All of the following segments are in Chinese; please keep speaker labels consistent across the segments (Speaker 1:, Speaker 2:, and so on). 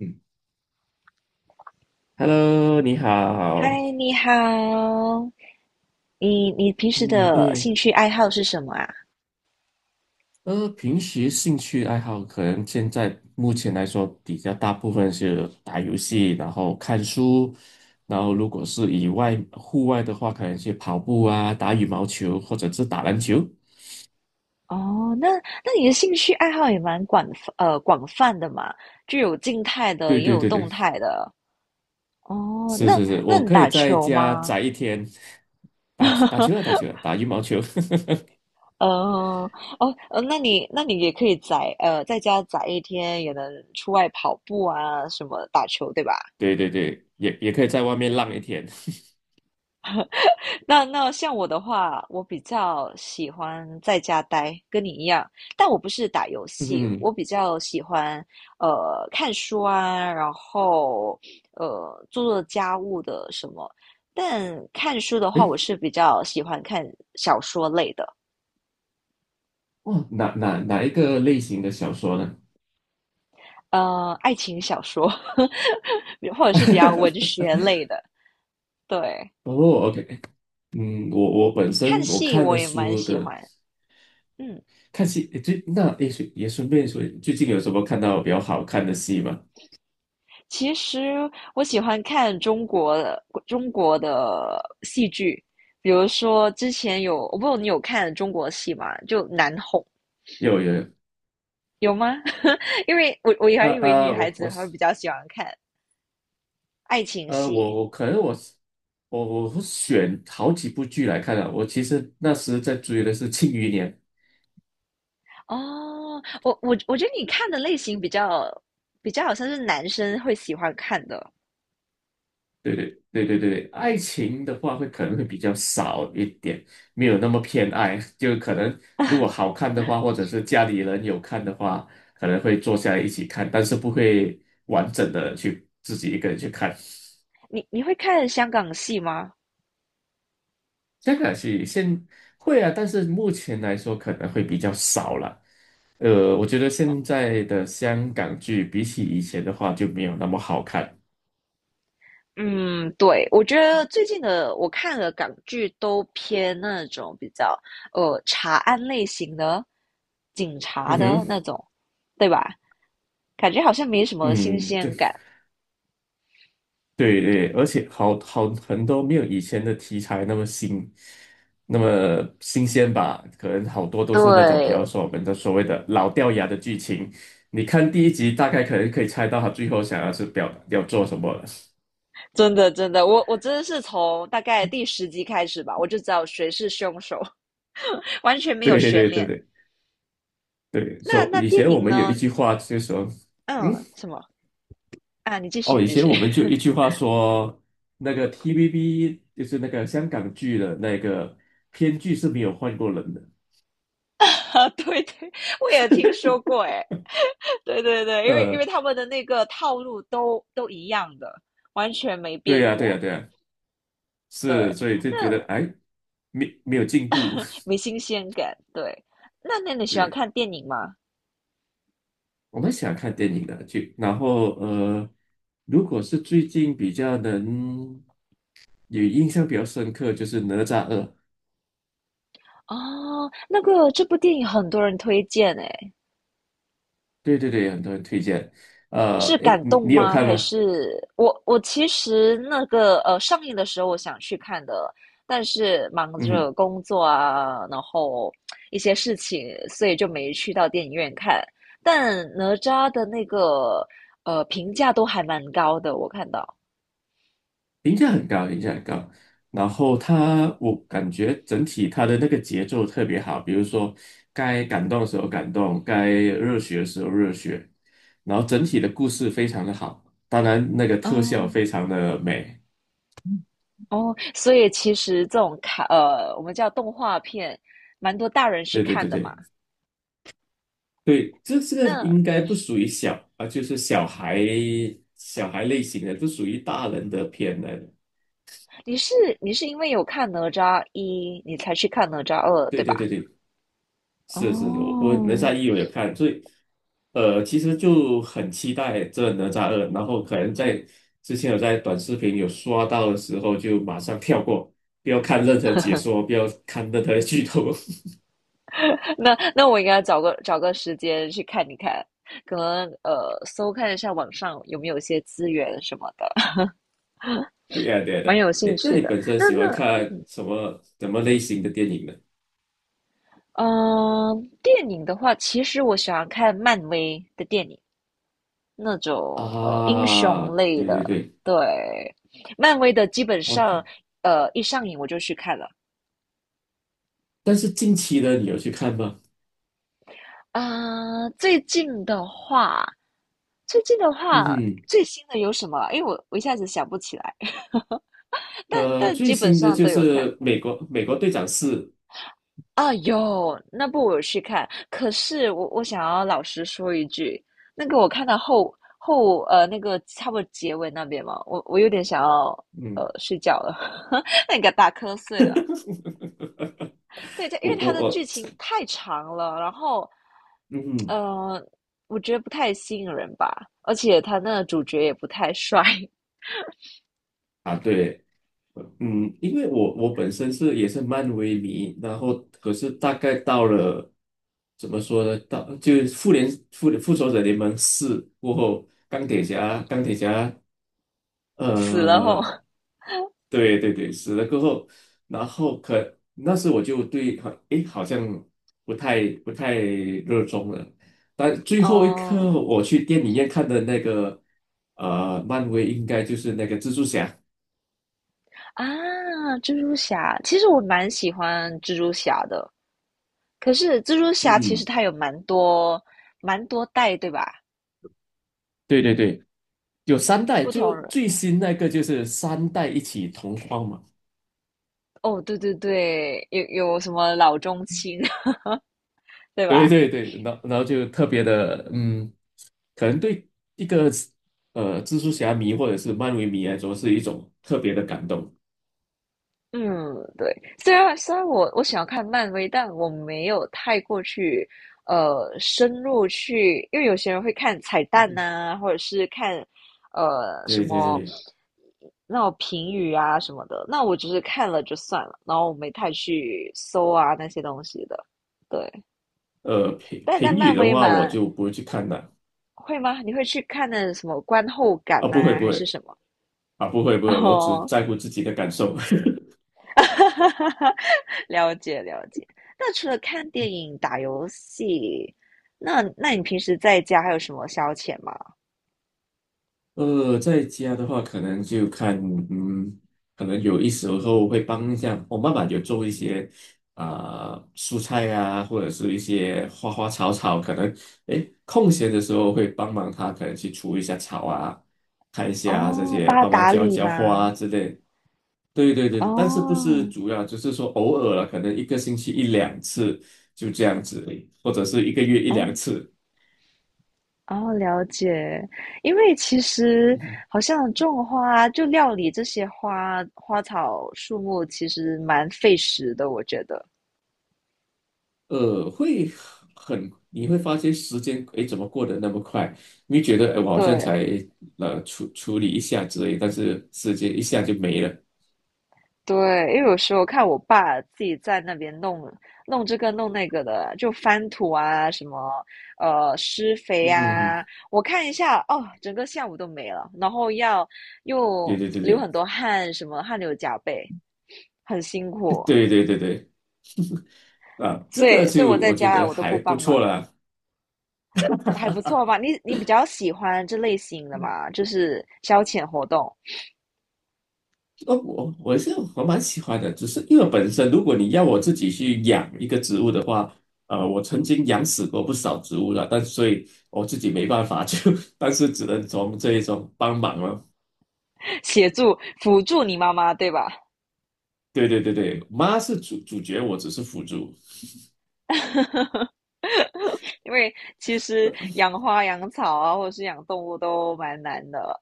Speaker 1: 嗯， Hello，你好。
Speaker 2: 嗨，你好，你平时
Speaker 1: 嗯，
Speaker 2: 的
Speaker 1: 诶，
Speaker 2: 兴趣爱好是什么啊？
Speaker 1: 平时兴趣爱好可能现在目前来说比较大部分是打游戏，然后看书，然后如果是以外户外的话，可能去跑步啊，打羽毛球或者是打篮球。
Speaker 2: 哦，那你的兴趣爱好也蛮广广泛的嘛，就有静态的，
Speaker 1: 对
Speaker 2: 也
Speaker 1: 对
Speaker 2: 有
Speaker 1: 对
Speaker 2: 动
Speaker 1: 对，
Speaker 2: 态的。哦，
Speaker 1: 是
Speaker 2: 那
Speaker 1: 是是，
Speaker 2: 那
Speaker 1: 我
Speaker 2: 你
Speaker 1: 可以
Speaker 2: 打
Speaker 1: 在
Speaker 2: 球
Speaker 1: 家
Speaker 2: 吗？
Speaker 1: 宅一天，打打球啊，打 球啊，打羽毛球。
Speaker 2: 呃，哦，那你也可以宅在家宅一天，也能出外跑步啊，什么打球，对吧？
Speaker 1: 对对对，也可以在外面浪一天。
Speaker 2: 那像我的话，我比较喜欢在家待，跟你一样，但我不是打游 戏，
Speaker 1: 嗯，
Speaker 2: 我比较喜欢看书啊，然后做做家务的什么。但看书的话，
Speaker 1: 诶，
Speaker 2: 我是比较喜欢看小说类的，
Speaker 1: 哇，哪一个类型的小说呢？
Speaker 2: 爱情小说，或者是比较文 学类的。对，
Speaker 1: 哦，OK,嗯，我本
Speaker 2: 看
Speaker 1: 身我
Speaker 2: 戏
Speaker 1: 看
Speaker 2: 我
Speaker 1: 了
Speaker 2: 也蛮
Speaker 1: 书
Speaker 2: 喜
Speaker 1: 的
Speaker 2: 欢，嗯。
Speaker 1: 看戏，诶最那诶，顺也顺便说，最近有什么看到比较好看的戏吗？
Speaker 2: 其实我喜欢看中国的戏剧，比如说之前有，我不知道你有看中国戏吗？就难哄
Speaker 1: 有有，
Speaker 2: 有吗？因为我还
Speaker 1: 呃
Speaker 2: 以为女
Speaker 1: 呃，
Speaker 2: 孩
Speaker 1: 我
Speaker 2: 子
Speaker 1: 我
Speaker 2: 会
Speaker 1: 是
Speaker 2: 比较喜欢看爱情
Speaker 1: 呃我
Speaker 2: 戏
Speaker 1: 我可能我是我我会选好几部剧来看啊。我其实那时在追的是《庆余年》，
Speaker 2: 哦。我觉得你看的类型比较比较好像是男生会喜欢看的。
Speaker 1: 对对对对对，对，爱情的话会可能会比较少一点，没有那么偏爱，就可能如果 好看的话，或者是家里人有看的话，可能会坐下来一起看，但是不会完整的去自己一个人去看。
Speaker 2: 你会看香港戏吗？
Speaker 1: 这个是现会啊，但是目前来说可能会比较少了。我觉得现在的香港剧比起以前的话就没有那么好看。
Speaker 2: 嗯，对，我觉得最近的我看的港剧都偏那种比较查案类型的、警察
Speaker 1: 嗯
Speaker 2: 的
Speaker 1: 哼，
Speaker 2: 那种，对吧？感觉好像没什么新
Speaker 1: 嗯，对。
Speaker 2: 鲜感。
Speaker 1: 对对，而且很多没有以前的题材那么新，那么新鲜吧？可能好多都是那种比较
Speaker 2: 对，
Speaker 1: 说我们的所谓的老掉牙的剧情。你看第一集，大概可能可以猜到他最后想要是表要做什么了。
Speaker 2: 真的真的，我真的是从大概第十集开始吧，我就知道谁是凶手，完全没有
Speaker 1: 对
Speaker 2: 悬
Speaker 1: 对对
Speaker 2: 念。
Speaker 1: 对对
Speaker 2: 那那
Speaker 1: 以以
Speaker 2: 电
Speaker 1: 前我
Speaker 2: 影
Speaker 1: 们有一
Speaker 2: 呢？
Speaker 1: 句话就说，嗯，
Speaker 2: 嗯，什么啊？你继续，
Speaker 1: 哦，
Speaker 2: 你
Speaker 1: 以
Speaker 2: 继
Speaker 1: 前
Speaker 2: 续。
Speaker 1: 我们就有一 句话说，那个 TVB 就是那个香港剧的那个编剧是没有换过人的。
Speaker 2: 啊，对对，我也听说过，诶，对对对，因为因
Speaker 1: 呃，
Speaker 2: 为他们的那个套路都一样的，完全没
Speaker 1: 对
Speaker 2: 变
Speaker 1: 呀对呀
Speaker 2: 过。
Speaker 1: 对呀是，
Speaker 2: 对，
Speaker 1: 所以就觉得
Speaker 2: 那
Speaker 1: 哎，没有进步。
Speaker 2: 没新鲜感。对，那你 喜欢
Speaker 1: 对，
Speaker 2: 看电影吗？
Speaker 1: 我们欢看电影的，就然后如果是最近比较能有印象比较深刻，就是《哪吒二》。
Speaker 2: 哦，那个这部电影很多人推荐诶，
Speaker 1: 对对对，很多人推荐。
Speaker 2: 是
Speaker 1: 哎，
Speaker 2: 感
Speaker 1: 你
Speaker 2: 动
Speaker 1: 你有
Speaker 2: 吗？
Speaker 1: 看
Speaker 2: 还
Speaker 1: 吗？
Speaker 2: 是我其实那个上映的时候我想去看的，但是忙着
Speaker 1: 嗯，
Speaker 2: 工作啊，然后一些事情，所以就没去到电影院看。但哪吒的那个评价都还蛮高的，我看到。
Speaker 1: 评价很高，评价很高。然后他，我感觉整体他的那个节奏特别好，比如说该感动的时候感动，该热血的时候热血，然后整体的故事非常的好，当然那个特效
Speaker 2: 哦
Speaker 1: 非常的美。
Speaker 2: 哦，所以其实这种卡我们叫动画片，蛮多大人去
Speaker 1: 对对
Speaker 2: 看
Speaker 1: 对
Speaker 2: 的嘛。
Speaker 1: 对对，这个
Speaker 2: 嗯
Speaker 1: 应该不属于
Speaker 2: 嗯，
Speaker 1: 小啊，就是小孩类型的，不属于大人的片来的。
Speaker 2: 你是你是因为有看哪吒一，你才去看哪吒二，
Speaker 1: 对
Speaker 2: 对吧？
Speaker 1: 对对对，是是，是我哪
Speaker 2: 哦，
Speaker 1: 吒一我也看，所以其实就很期待这哪吒二，然后可能在之前有在短视频有刷到的时候，就马上跳过，不要看任何解说，不要看任何剧透。
Speaker 2: 那我应该找个时间去看一看，可能搜看一下网上有没有一些资源什么的，
Speaker 1: 对呀，对呀
Speaker 2: 蛮
Speaker 1: 的。
Speaker 2: 有兴
Speaker 1: 诶，那
Speaker 2: 趣
Speaker 1: 你
Speaker 2: 的。
Speaker 1: 本身
Speaker 2: 那
Speaker 1: 喜欢
Speaker 2: 那
Speaker 1: 看什么什么类型的电影呢？
Speaker 2: 嗯、电影的话，其实我喜欢看漫威的电影，那种英
Speaker 1: 啊，
Speaker 2: 雄类
Speaker 1: 对对
Speaker 2: 的。
Speaker 1: 对，
Speaker 2: 对，漫威的基本
Speaker 1: 哦，
Speaker 2: 上一上映我就去看了。
Speaker 1: 但是近期的你有去看吗？
Speaker 2: 啊、最近的话，最近的话
Speaker 1: 嗯，
Speaker 2: 最新的有什么？因为我一下子想不起来。但但
Speaker 1: 最
Speaker 2: 基本
Speaker 1: 新的
Speaker 2: 上
Speaker 1: 就
Speaker 2: 都有看
Speaker 1: 是美国队长四，
Speaker 2: 啊，有那部我有去看，可是我想要老实说一句，那个我看到后那个差不多结尾那边嘛，我有点想要
Speaker 1: 嗯，
Speaker 2: 睡觉了，那个打瞌睡了。对，它因为
Speaker 1: 我
Speaker 2: 它
Speaker 1: 我
Speaker 2: 的
Speaker 1: 我，
Speaker 2: 剧情太长了，然后
Speaker 1: 嗯。
Speaker 2: 呃，我觉得不太吸引人吧，而且他那个主角也不太帅，
Speaker 1: 啊，对，嗯，因为我本身是也是漫威迷，然后可是大概到了怎么说呢？到就是复仇者联盟四过后，钢铁侠，
Speaker 2: 死了后。
Speaker 1: 呃，对对对，死了过后，然后可那时我就对好，诶，好像不太热衷了。但最后一刻
Speaker 2: 哦
Speaker 1: 我去电影院看的那个，漫威应该就是那个蜘蛛侠，
Speaker 2: 啊，蜘蛛侠，其实我蛮喜欢蜘蛛侠的，可是蜘蛛侠其实
Speaker 1: 嗯。
Speaker 2: 它有蛮多代，对吧？
Speaker 1: 对对对，有三代，
Speaker 2: 不
Speaker 1: 就
Speaker 2: 同人
Speaker 1: 最新那个就是三代一起同框嘛。
Speaker 2: 哦，对对对，有有什么老中青，对
Speaker 1: 对
Speaker 2: 吧？
Speaker 1: 对对，然后就特别的，嗯，可能对一个蜘蛛侠迷或者是漫威迷来说是一种特别的感动。
Speaker 2: 嗯，对。虽然我想要看漫威，但我没有太过去深入去，因为有些人会看彩蛋呐、或者是看什
Speaker 1: 对对
Speaker 2: 么
Speaker 1: 对，
Speaker 2: 那种评语啊什么的。那我只是看了就算了，然后我没太去搜啊那些东西的。对，
Speaker 1: 评
Speaker 2: 但但
Speaker 1: 评
Speaker 2: 漫
Speaker 1: 语的
Speaker 2: 威
Speaker 1: 话我
Speaker 2: 嘛，
Speaker 1: 就不会去看了
Speaker 2: 会吗？你会去看那什么观后感
Speaker 1: 啊，不会
Speaker 2: 呐、
Speaker 1: 不
Speaker 2: 还是
Speaker 1: 会
Speaker 2: 什么？
Speaker 1: 啊，不会不会，我只
Speaker 2: 哦，
Speaker 1: 在乎自己的感受。
Speaker 2: 了解了解。那除了看电影、打游戏，那你平时在家还有什么消遣吗？
Speaker 1: 在家的话，可能就看，嗯，可能有一时候会帮一下我妈妈，有做一些啊、蔬菜啊，或者是一些花花草草，可能诶空闲的时候会帮忙她，可能去除一下草啊，看一下这
Speaker 2: 哦，
Speaker 1: 些，
Speaker 2: 帮他
Speaker 1: 帮忙
Speaker 2: 打
Speaker 1: 浇
Speaker 2: 理
Speaker 1: 浇花
Speaker 2: 吗？
Speaker 1: 啊之类。对对对，
Speaker 2: 哦
Speaker 1: 对但是不是主要，就是说偶尔了，可能一个星期一两次就这样子而已或者是一个月一两
Speaker 2: 哦
Speaker 1: 次。
Speaker 2: 哦，了解。因为其实 好像种花，就料理这些花花草树木，其实蛮费时的，我觉得。
Speaker 1: 呃，会你会发现时间，诶，怎么过得那么快？你会觉得，诶，我好像
Speaker 2: 对，
Speaker 1: 才处理一下之类，但是时间一下就没了。
Speaker 2: 对，因为有时候看我爸自己在那边弄弄这个弄那个的，就翻土啊，什么施肥
Speaker 1: 嗯哼
Speaker 2: 啊，
Speaker 1: 哼，
Speaker 2: 我看一下哦，整个下午都没了，然后要
Speaker 1: 对
Speaker 2: 又
Speaker 1: 对对
Speaker 2: 流很
Speaker 1: 对
Speaker 2: 多汗，什么汗流浃背，很辛苦，
Speaker 1: 对对对对，啊，这
Speaker 2: 所
Speaker 1: 个
Speaker 2: 以所以我
Speaker 1: 就
Speaker 2: 在
Speaker 1: 我觉
Speaker 2: 家
Speaker 1: 得
Speaker 2: 我都
Speaker 1: 还
Speaker 2: 不
Speaker 1: 不
Speaker 2: 帮忙
Speaker 1: 错
Speaker 2: 了，
Speaker 1: 啦。
Speaker 2: 还不错吧？你比较喜欢这类型的嘛，就是消遣活动，
Speaker 1: 哦，我蛮喜欢的，只是因为本身如果你要我自己去养一个植物的话，我曾经养死过不少植物了，但所以我自己没办法，就 但是只能从这一种帮忙了。
Speaker 2: 协助辅助你妈妈，对吧？
Speaker 1: 对对对对，妈是主角，我只是辅助。
Speaker 2: 因为其实养花、养草啊，或者是养动物都蛮难的。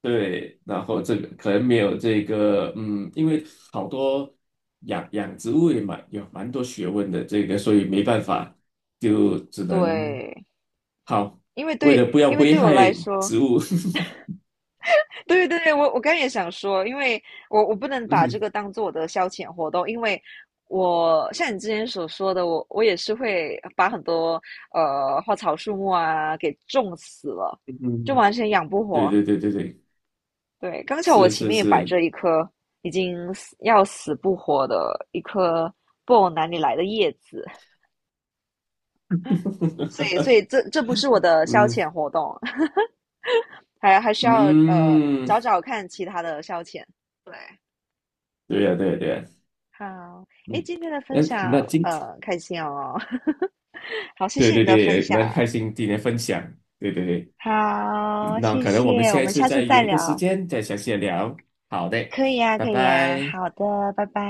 Speaker 1: 对，然后这个可能没有这个，嗯，因为好多养养植物也蛮多学问的，这个所以没办法，就只能
Speaker 2: 对，
Speaker 1: 好，
Speaker 2: 因为
Speaker 1: 为了
Speaker 2: 对，
Speaker 1: 不要
Speaker 2: 因为
Speaker 1: 危
Speaker 2: 对我
Speaker 1: 害
Speaker 2: 来说，
Speaker 1: 植物，
Speaker 2: 对对对，我刚才也想说，因为我不能 把这
Speaker 1: 嗯
Speaker 2: 个当做我的消遣活动，因为我像你之前所说的，我也是会把很多花草树木啊给种死了，就
Speaker 1: 嗯，
Speaker 2: 完全养不
Speaker 1: 对
Speaker 2: 活。
Speaker 1: 对对对对，
Speaker 2: 对，刚巧我
Speaker 1: 是
Speaker 2: 前
Speaker 1: 是
Speaker 2: 面也摆
Speaker 1: 是，
Speaker 2: 着一颗已经死要死不活的一颗不懂哪里来的叶子，所以 这不是我的消
Speaker 1: 嗯
Speaker 2: 遣活动，还还需要
Speaker 1: 嗯，
Speaker 2: 找找看其他的消遣。对，
Speaker 1: 对呀、对呀、对呀、
Speaker 2: 好，诶，
Speaker 1: 嗯，
Speaker 2: 今天的分
Speaker 1: 那
Speaker 2: 享
Speaker 1: 那今天，
Speaker 2: 开心哦，好，谢
Speaker 1: 对
Speaker 2: 谢你
Speaker 1: 对
Speaker 2: 的分
Speaker 1: 对，
Speaker 2: 享，
Speaker 1: 蛮开心今天分享，对对对。嗯，
Speaker 2: 好，
Speaker 1: 那
Speaker 2: 谢
Speaker 1: 可能我们
Speaker 2: 谢，我
Speaker 1: 下一
Speaker 2: 们
Speaker 1: 次
Speaker 2: 下
Speaker 1: 再
Speaker 2: 次再
Speaker 1: 约一个时
Speaker 2: 聊，
Speaker 1: 间再详细的聊。好的，
Speaker 2: 可以呀，
Speaker 1: 拜
Speaker 2: 可以呀，
Speaker 1: 拜。
Speaker 2: 好的，拜拜。